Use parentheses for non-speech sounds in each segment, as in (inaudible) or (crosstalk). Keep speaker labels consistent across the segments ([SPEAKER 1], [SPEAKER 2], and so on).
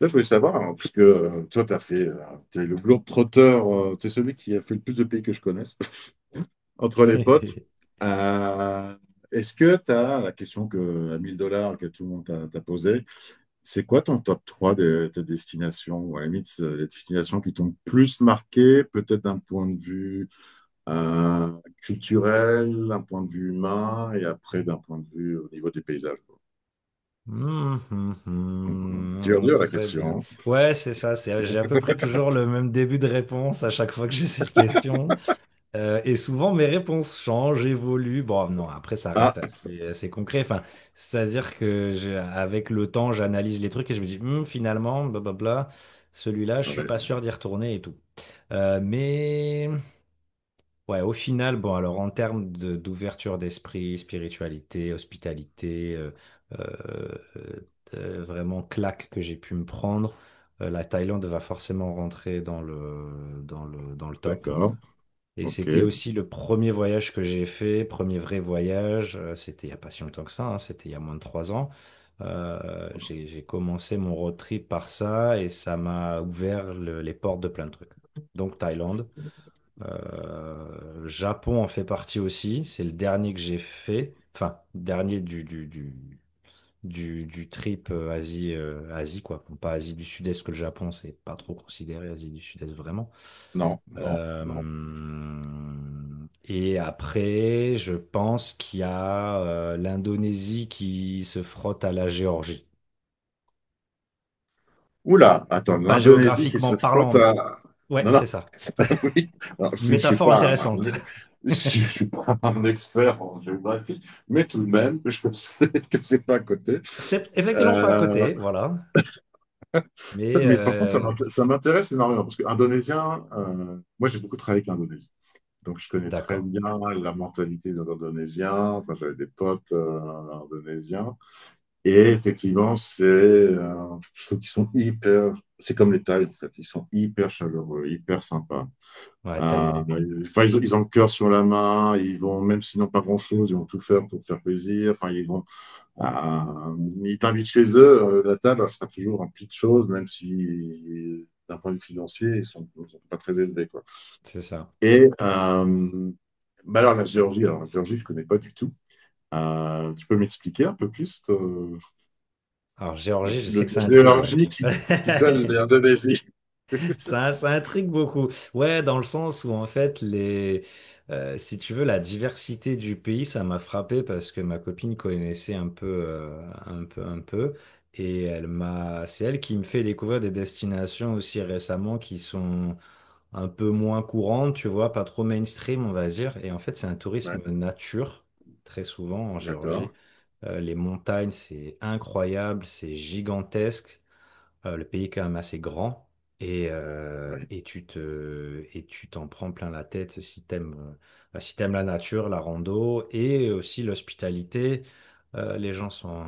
[SPEAKER 1] Là, je voulais savoir, hein, parce que toi, t'as fait, t'es le globe-trotteur, tu es celui qui a fait le plus de pays que je connaisse, (laughs) entre les potes.
[SPEAKER 2] (laughs)
[SPEAKER 1] Euh, Est-ce que t'as la question à 1000 $ que tout le monde t'a posée, c'est quoi ton top 3 de tes destinations? Ou à la limite, les destinations qui t'ont plus marqué, peut-être d'un point de vue euh, culturel, d'un point de vue humain, et après d'un point de vue au niveau des paysages, quoi.
[SPEAKER 2] Hmm, hmm,
[SPEAKER 1] Dur,
[SPEAKER 2] hmm.
[SPEAKER 1] dur la
[SPEAKER 2] Très bien.
[SPEAKER 1] question.
[SPEAKER 2] Ouais, c'est ça. J'ai à peu près toujours le même début de réponse à chaque fois que j'ai cette question. Et souvent, mes réponses changent, évoluent. Bon, non, après, ça
[SPEAKER 1] Ah,
[SPEAKER 2] reste assez concret. Enfin, c'est-à-dire que avec le temps, j'analyse les trucs et je me dis, hmm, finalement, blablabla, celui-là, je suis pas
[SPEAKER 1] ouais,
[SPEAKER 2] sûr d'y retourner et tout. Mais ouais, au final, bon, alors en termes d'ouverture d'esprit, spiritualité, hospitalité, euh, vraiment claque que j'ai pu me prendre, la Thaïlande va forcément rentrer dans le top.
[SPEAKER 1] d'accord,
[SPEAKER 2] Et
[SPEAKER 1] ok.
[SPEAKER 2] c'était aussi le premier voyage que j'ai fait, premier vrai voyage, c'était il n'y a pas si longtemps que ça, hein, c'était il y a moins de trois ans. J'ai commencé mon road trip par ça et ça m'a ouvert les portes de plein de trucs. Donc Thaïlande. Japon en fait partie aussi. C'est le dernier que j'ai fait. Enfin, dernier du trip Asie, Asie, quoi. Bon, pas Asie du Sud-Est, que le Japon, c'est pas trop considéré Asie du Sud-Est vraiment.
[SPEAKER 1] Non, non,
[SPEAKER 2] Euh,
[SPEAKER 1] non.
[SPEAKER 2] et après, je pense qu'il y a l'Indonésie qui se frotte à la Géorgie.
[SPEAKER 1] Oula, attends,
[SPEAKER 2] Pas
[SPEAKER 1] l'Indonésie qui
[SPEAKER 2] géographiquement
[SPEAKER 1] se frotte
[SPEAKER 2] parlant, mais
[SPEAKER 1] à...
[SPEAKER 2] ouais,
[SPEAKER 1] Non, non,
[SPEAKER 2] c'est ça.
[SPEAKER 1] (laughs) ça, oui. Alors,
[SPEAKER 2] Une métaphore intéressante.
[SPEAKER 1] si je
[SPEAKER 2] (laughs)
[SPEAKER 1] suis pas un expert en géographie, mais tout de même, je sais (laughs) que c'est pas à côté.
[SPEAKER 2] C'est effectivement pas à
[SPEAKER 1] Euh,
[SPEAKER 2] côté, voilà. Mais
[SPEAKER 1] mais par contre,
[SPEAKER 2] euh,
[SPEAKER 1] ça m'intéresse énormément, parce que indonésien, moi j'ai beaucoup travaillé avec l'Indonésie. Donc je connais très
[SPEAKER 2] d'accord.
[SPEAKER 1] bien la mentalité des Indonésiens, enfin, j'avais des potes indonésiens. Et effectivement, je trouve qu'ils sont hyper, c'est comme les Tides, en fait. Ils sont hyper chaleureux, hyper sympas.
[SPEAKER 2] Ouais, tellement.
[SPEAKER 1] Enfin, ils ont le cœur sur la main, ils vont, même s'ils n'ont pas grand-chose, ils vont tout faire pour te faire plaisir. Enfin, ils vont, euh, ils t'invitent chez eux, la table, elle sera toujours un petit de choses, même si, d'un point de vue financier, ils sont pas très élevés, quoi.
[SPEAKER 2] C'est ça.
[SPEAKER 1] Et, bah alors, la Géorgie, je connais pas du tout. Tu peux m'expliquer un peu plus,
[SPEAKER 2] Alors,
[SPEAKER 1] le,
[SPEAKER 2] Géorgie, je
[SPEAKER 1] le
[SPEAKER 2] sais que
[SPEAKER 1] de
[SPEAKER 2] ça intrigue, ouais.
[SPEAKER 1] Géorgie qui colle
[SPEAKER 2] (laughs)
[SPEAKER 1] l'Indonésie.
[SPEAKER 2] Ça intrigue beaucoup. Ouais, dans le sens où, en fait, si tu veux, la diversité du pays, ça m'a frappé parce que ma copine connaissait un peu. Et c'est elle qui me fait découvrir des destinations aussi récemment qui sont un peu moins courante, tu vois, pas trop mainstream, on va dire. Et en fait, c'est un
[SPEAKER 1] Ouais,
[SPEAKER 2] tourisme nature, très souvent en
[SPEAKER 1] d'accord.
[SPEAKER 2] Géorgie. Les montagnes, c'est incroyable, c'est gigantesque. Le pays est quand même assez grand et, euh,
[SPEAKER 1] Oui.
[SPEAKER 2] et tu t'en prends plein la tête si si t'aimes la nature, la rando et aussi l'hospitalité. Les gens sont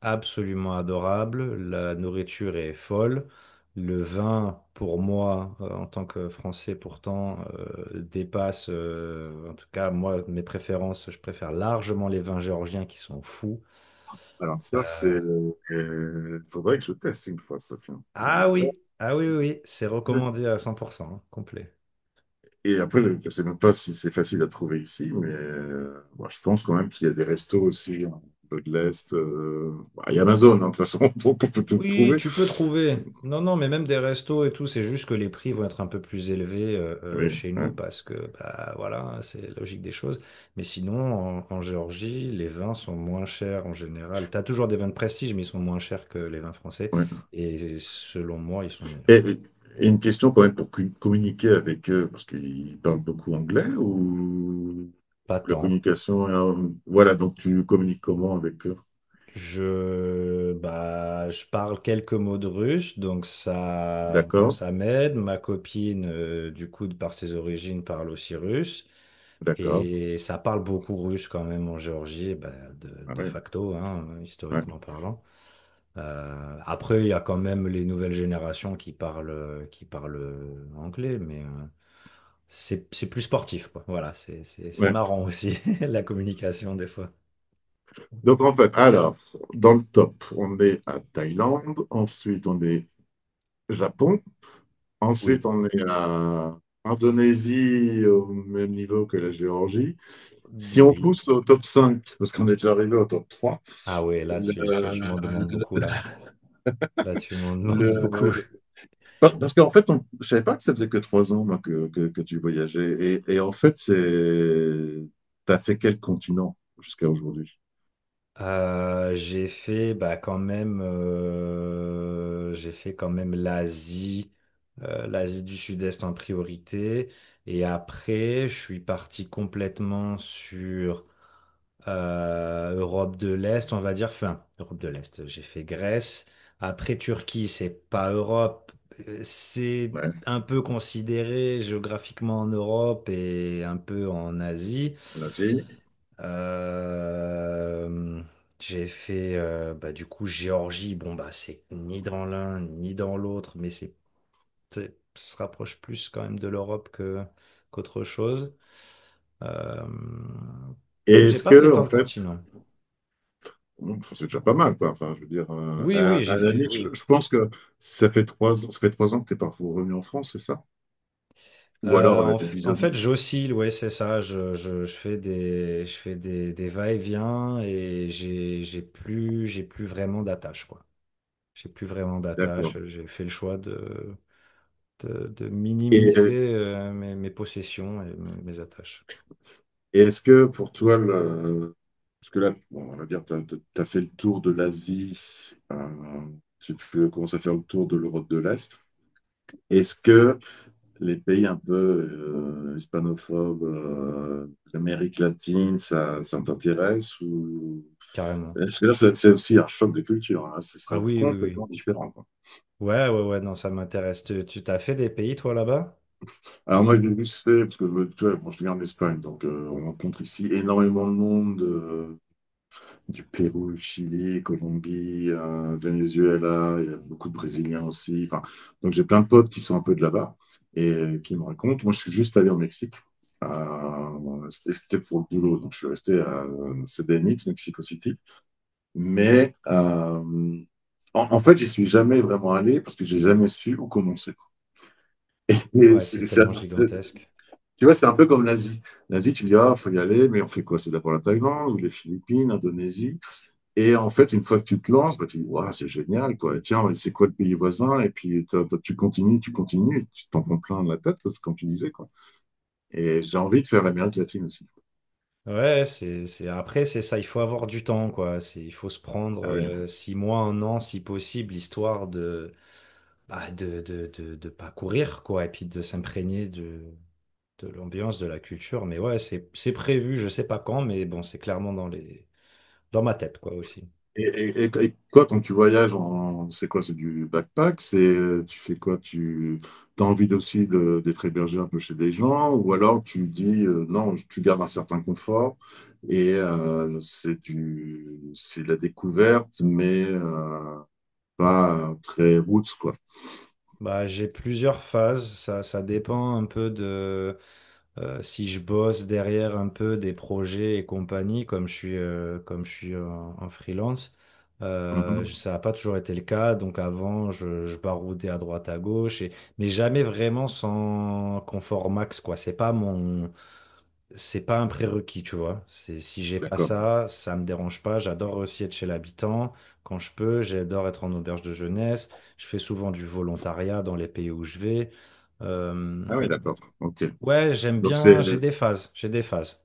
[SPEAKER 2] absolument adorables, la nourriture est folle. Le vin, pour moi, en tant que Français, pourtant, dépasse, en tout cas, moi, mes préférences, je préfère largement les vins géorgiens qui sont fous.
[SPEAKER 1] Alors ça, c'est...
[SPEAKER 2] Euh,
[SPEAKER 1] Il faudrait que je teste une fois, ça, tiens.
[SPEAKER 2] Ah oui, ah oui. C'est recommandé à 100%, hein, complet.
[SPEAKER 1] Et après, je ne sais même pas si c'est facile à trouver ici, mais bon, je pense quand même qu'il y a des restos aussi, hein, un peu de l'Est. Bah, il y a Amazon, hein, de toute façon, (laughs) donc on peut tout
[SPEAKER 2] Oui,
[SPEAKER 1] trouver.
[SPEAKER 2] tu peux trouver. Non, non, mais même des restos et tout, c'est juste que les prix vont être un peu plus élevés
[SPEAKER 1] Oui,
[SPEAKER 2] chez
[SPEAKER 1] ouais,
[SPEAKER 2] nous parce que, bah voilà, hein, c'est la logique des choses. Mais sinon, en Géorgie, les vins sont moins chers en général. T'as toujours des vins de prestige, mais ils sont moins chers que les vins français.
[SPEAKER 1] ouais.
[SPEAKER 2] Et selon moi, ils sont meilleurs.
[SPEAKER 1] Et, et une question quand même pour communiquer avec eux, parce qu'ils parlent beaucoup anglais ou...
[SPEAKER 2] Pas
[SPEAKER 1] La
[SPEAKER 2] tant.
[SPEAKER 1] communication, voilà, donc tu communiques comment avec eux?
[SPEAKER 2] Je parle quelques mots de russe, donc ça, bon,
[SPEAKER 1] D'accord,
[SPEAKER 2] ça m'aide. Ma copine, du coup, de par ses origines, parle aussi russe.
[SPEAKER 1] d'accord.
[SPEAKER 2] Et ça parle beaucoup russe quand même en Géorgie, bah,
[SPEAKER 1] Ah
[SPEAKER 2] de
[SPEAKER 1] ouais,
[SPEAKER 2] facto, hein,
[SPEAKER 1] ouais,
[SPEAKER 2] historiquement parlant. Après, il y a quand même les nouvelles générations qui parlent anglais, mais c'est plus sportif, quoi. Voilà, c'est
[SPEAKER 1] ouais.
[SPEAKER 2] marrant aussi, (laughs) la communication des fois.
[SPEAKER 1] Donc en fait, alors, dans le top, on est à Thaïlande, ensuite on est Japon, ensuite
[SPEAKER 2] Oui,
[SPEAKER 1] on est à Indonésie au même niveau que la Géorgie. Si on
[SPEAKER 2] oui.
[SPEAKER 1] pousse au top 5, parce qu'on est déjà arrivé au top 3.
[SPEAKER 2] Ah ouais, là, tu m'en demandes beaucoup, là. Là, tu m'en (laughs) demandes beaucoup.
[SPEAKER 1] le, Parce qu'en fait, on... je ne savais pas que ça faisait que trois ans moi, que tu voyageais. Et en fait, c'est... tu as fait quel continent jusqu'à aujourd'hui?
[SPEAKER 2] J'ai fait bah, quand même, j'ai fait quand même l'Asie, l'Asie du Sud-Est en priorité. Et après, je suis parti complètement sur Europe de l'Est, on va dire, enfin, Europe de l'Est, j'ai fait Grèce. Après, Turquie, c'est pas Europe, c'est
[SPEAKER 1] Ouais,
[SPEAKER 2] un peu considéré géographiquement en Europe et un peu en Asie.
[SPEAKER 1] l'Asie.
[SPEAKER 2] Euh, j'ai fait, du coup, Géorgie, bon, bah, c'est ni dans l'un ni dans l'autre, mais se rapproche plus quand même de l'Europe que qu'autre chose. Euh,
[SPEAKER 1] Et
[SPEAKER 2] donc j'ai
[SPEAKER 1] est-ce
[SPEAKER 2] pas fait
[SPEAKER 1] que, en
[SPEAKER 2] tant de
[SPEAKER 1] fait,
[SPEAKER 2] continents.
[SPEAKER 1] bon, enfin, c'est déjà pas mal, quoi. Enfin, je veux dire,
[SPEAKER 2] Oui, oui,
[SPEAKER 1] à
[SPEAKER 2] j'ai
[SPEAKER 1] la
[SPEAKER 2] fait,
[SPEAKER 1] limite,
[SPEAKER 2] oui.
[SPEAKER 1] je pense que ça fait trois ans, ça fait trois ans que tu n'es pas revenu en France, c'est ça? Ou alors,
[SPEAKER 2] Euh, en, f- en
[SPEAKER 1] visa-
[SPEAKER 2] fait, j'oscille, ouais, c'est ça. Je fais des, des va-et-vient et j'ai plus vraiment d'attache, quoi. J'ai plus vraiment d'attache.
[SPEAKER 1] D'accord.
[SPEAKER 2] J'ai fait le choix de
[SPEAKER 1] Et,
[SPEAKER 2] minimiser mes, mes possessions et mes attaches,
[SPEAKER 1] et est-ce que pour toi, le... parce que là, bon, on va dire, tu as fait le tour de l'Asie, euh, tu commences à faire le tour de l'Europe de l'Est. Est-ce que les pays un peu hispanophobes, l'Amérique latine, ça t'intéresse ou...
[SPEAKER 2] carrément.
[SPEAKER 1] Parce que là, c'est aussi un choc de culture, hein. Ce sera
[SPEAKER 2] Ah oui, oui, oui.
[SPEAKER 1] complètement différent, quoi.
[SPEAKER 2] Ouais, ouais, ouais, non, ça m'intéresse. Tu t'as fait des pays, toi, là-bas?
[SPEAKER 1] Alors moi, je l'ai juste fait parce que tu vois, bon, je viens en Espagne, donc on rencontre ici énormément de monde. Euh, du Pérou, Chili, Colombie, Venezuela, il y a beaucoup de Brésiliens aussi. Enfin, donc j'ai plein de potes qui sont un peu de là-bas et qui me racontent. Moi, je suis juste allé au Mexique. C'était pour le boulot, donc je suis resté à CDMX, Mexico City. Mais en fait, j'y suis jamais vraiment allé parce que j'ai jamais su où commencer. Et
[SPEAKER 2] Ouais, c'est tellement gigantesque.
[SPEAKER 1] tu vois, c'est un peu comme l'Asie. L'Asie, tu dis, ah, faut y aller, mais on fait quoi? C'est d'abord la Thaïlande ou les Philippines, l'Indonésie. Et en fait, une fois que tu te lances, bah, tu dis, waouh, c'est génial, quoi. Et tiens, c'est quoi le pays voisin? Et puis, tu continues, et tu t'en prends plein de la tête, c'est comme tu disais, quoi. Et j'ai envie de faire l'Amérique latine aussi.
[SPEAKER 2] Ouais, c'est... Après, c'est ça, il faut avoir du temps, quoi. C'est, il faut se prendre
[SPEAKER 1] Ah oui.
[SPEAKER 2] six mois, un an, si possible, histoire de, de pas courir, quoi, et puis de s'imprégner de l'ambiance, de la culture. Mais ouais, c'est prévu, je sais pas quand, mais bon, c'est clairement dans ma tête, quoi, aussi.
[SPEAKER 1] Et quoi, quand tu voyages en, c'est quoi, c'est du backpack? C'est, tu fais quoi? Tu as envie aussi de, d'être hébergé un peu chez des gens? Ou alors tu dis, non, tu gardes un certain confort et c'est de la découverte, mais pas très route, quoi.
[SPEAKER 2] Bah, j'ai plusieurs phases, ça dépend un peu de... Si je bosse derrière un peu des projets et compagnie, comme je suis en freelance,
[SPEAKER 1] Mhm.
[SPEAKER 2] ça n'a pas toujours été le cas. Donc avant, je baroudais à droite, à gauche, et, mais jamais vraiment sans confort max, quoi. C'est pas un prérequis, tu vois. C'est, si j'ai pas
[SPEAKER 1] D'accord.
[SPEAKER 2] ça, ça me dérange pas. J'adore aussi être chez l'habitant quand je peux. J'adore être en auberge de jeunesse. Je fais souvent du volontariat dans les pays où je vais. Euh,
[SPEAKER 1] Ah oui, d'accord. Ok.
[SPEAKER 2] Ouais, j'aime
[SPEAKER 1] Donc c'est,
[SPEAKER 2] bien, j'ai des phases.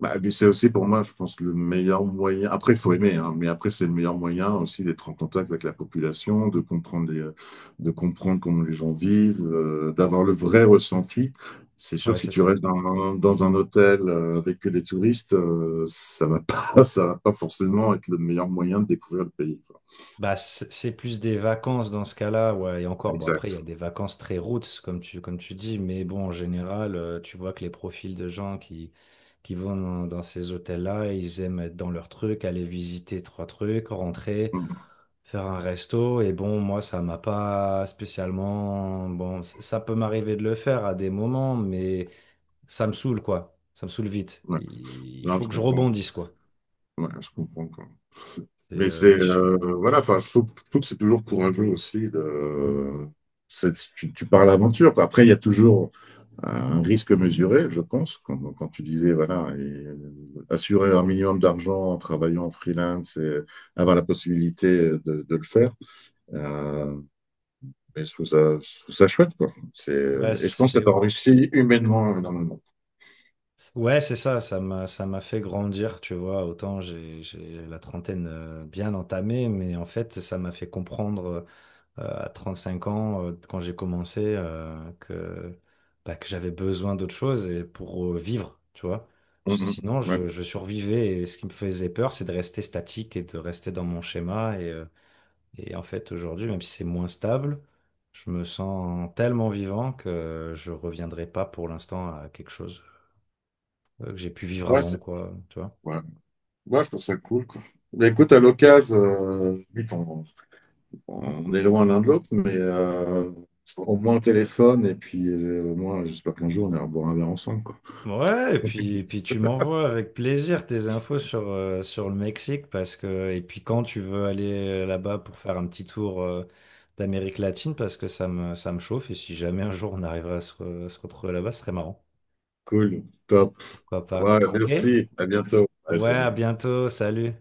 [SPEAKER 1] bah, mais c'est aussi pour moi, je pense, le meilleur moyen. Après, il faut aimer, hein, mais après, c'est le meilleur moyen aussi d'être en contact avec la population, de comprendre comment les gens vivent, d'avoir le vrai ressenti. C'est sûr
[SPEAKER 2] Ouais,
[SPEAKER 1] que si
[SPEAKER 2] c'est
[SPEAKER 1] tu restes
[SPEAKER 2] ça.
[SPEAKER 1] dans un hôtel avec que des touristes, ça va pas, (laughs) ça va pas forcément être le meilleur moyen de découvrir le pays, quoi.
[SPEAKER 2] Bah, c'est plus des vacances dans ce cas-là, ouais, et encore, bon, après, il y
[SPEAKER 1] Exact.
[SPEAKER 2] a des vacances très roots, comme tu dis, mais bon, en général, tu vois que les profils de qui vont dans ces hôtels-là, ils aiment être dans leur truc, aller visiter trois trucs, rentrer,
[SPEAKER 1] Mhm.
[SPEAKER 2] faire un resto, et bon, moi, ça m'a pas spécialement, bon, ça peut m'arriver de le faire à des moments, mais ça me saoule, quoi, ça me saoule vite.
[SPEAKER 1] Ouais.
[SPEAKER 2] Il
[SPEAKER 1] Non,
[SPEAKER 2] faut
[SPEAKER 1] je
[SPEAKER 2] que je
[SPEAKER 1] comprends.
[SPEAKER 2] rebondisse, quoi.
[SPEAKER 1] Ouais, je comprends.
[SPEAKER 2] Et,
[SPEAKER 1] Mais
[SPEAKER 2] euh,
[SPEAKER 1] c'est
[SPEAKER 2] mais je,
[SPEAKER 1] voilà, enfin, je trouve que c'est toujours courageux aussi de. Tu, tu pars à l'aventure, quoi. Après, il y a toujours un risque mesuré, je pense, quand tu disais, voilà, et assurer un minimum d'argent en travaillant en freelance et avoir la possibilité de le faire. Euh, mais je trouve ça chouette, quoi. C'est,
[SPEAKER 2] Ouais,
[SPEAKER 1] et je pense que
[SPEAKER 2] c'est
[SPEAKER 1] ça réussi humainement énormément.
[SPEAKER 2] ouais, c'est ça, ça m'a fait grandir, tu vois. Autant j'ai la trentaine bien entamée, mais en fait, ça m'a fait comprendre à cinq ans quand j'ai commencé que bah, que j'avais besoin d'autre chose et pour vivre, tu vois. Parce que
[SPEAKER 1] Mhm.
[SPEAKER 2] sinon,
[SPEAKER 1] Ouais,
[SPEAKER 2] je survivais et ce qui me faisait peur, c'est de rester statique et de rester dans mon schéma et en fait, aujourd'hui, même si c'est moins stable, je me sens tellement vivant que je reviendrai pas pour l'instant à quelque chose. Que j'ai pu vivre
[SPEAKER 1] ouais,
[SPEAKER 2] avant,
[SPEAKER 1] c'est,
[SPEAKER 2] quoi, tu vois.
[SPEAKER 1] ouais. Ouais, je trouve ça cool, quoi. Mais écoute, à l'occasion, oui, on est loin l'un de l'autre, mais au moins au téléphone, et puis au moins, j'espère qu'un jour, on ira boire un verre ensemble, quoi.
[SPEAKER 2] Ouais, et puis tu m'envoies avec plaisir tes infos sur, sur le Mexique, parce que, et puis quand tu veux aller là-bas pour faire un petit tour d'Amérique latine, parce que ça me chauffe, et si jamais un jour on arriverait à se retrouver là-bas, ce serait marrant.
[SPEAKER 1] Cool, top.
[SPEAKER 2] Pourquoi
[SPEAKER 1] Ouais,
[SPEAKER 2] pas? Ok?
[SPEAKER 1] merci, à bientôt. Ouais,
[SPEAKER 2] Ouais, à
[SPEAKER 1] salut.
[SPEAKER 2] bientôt, salut!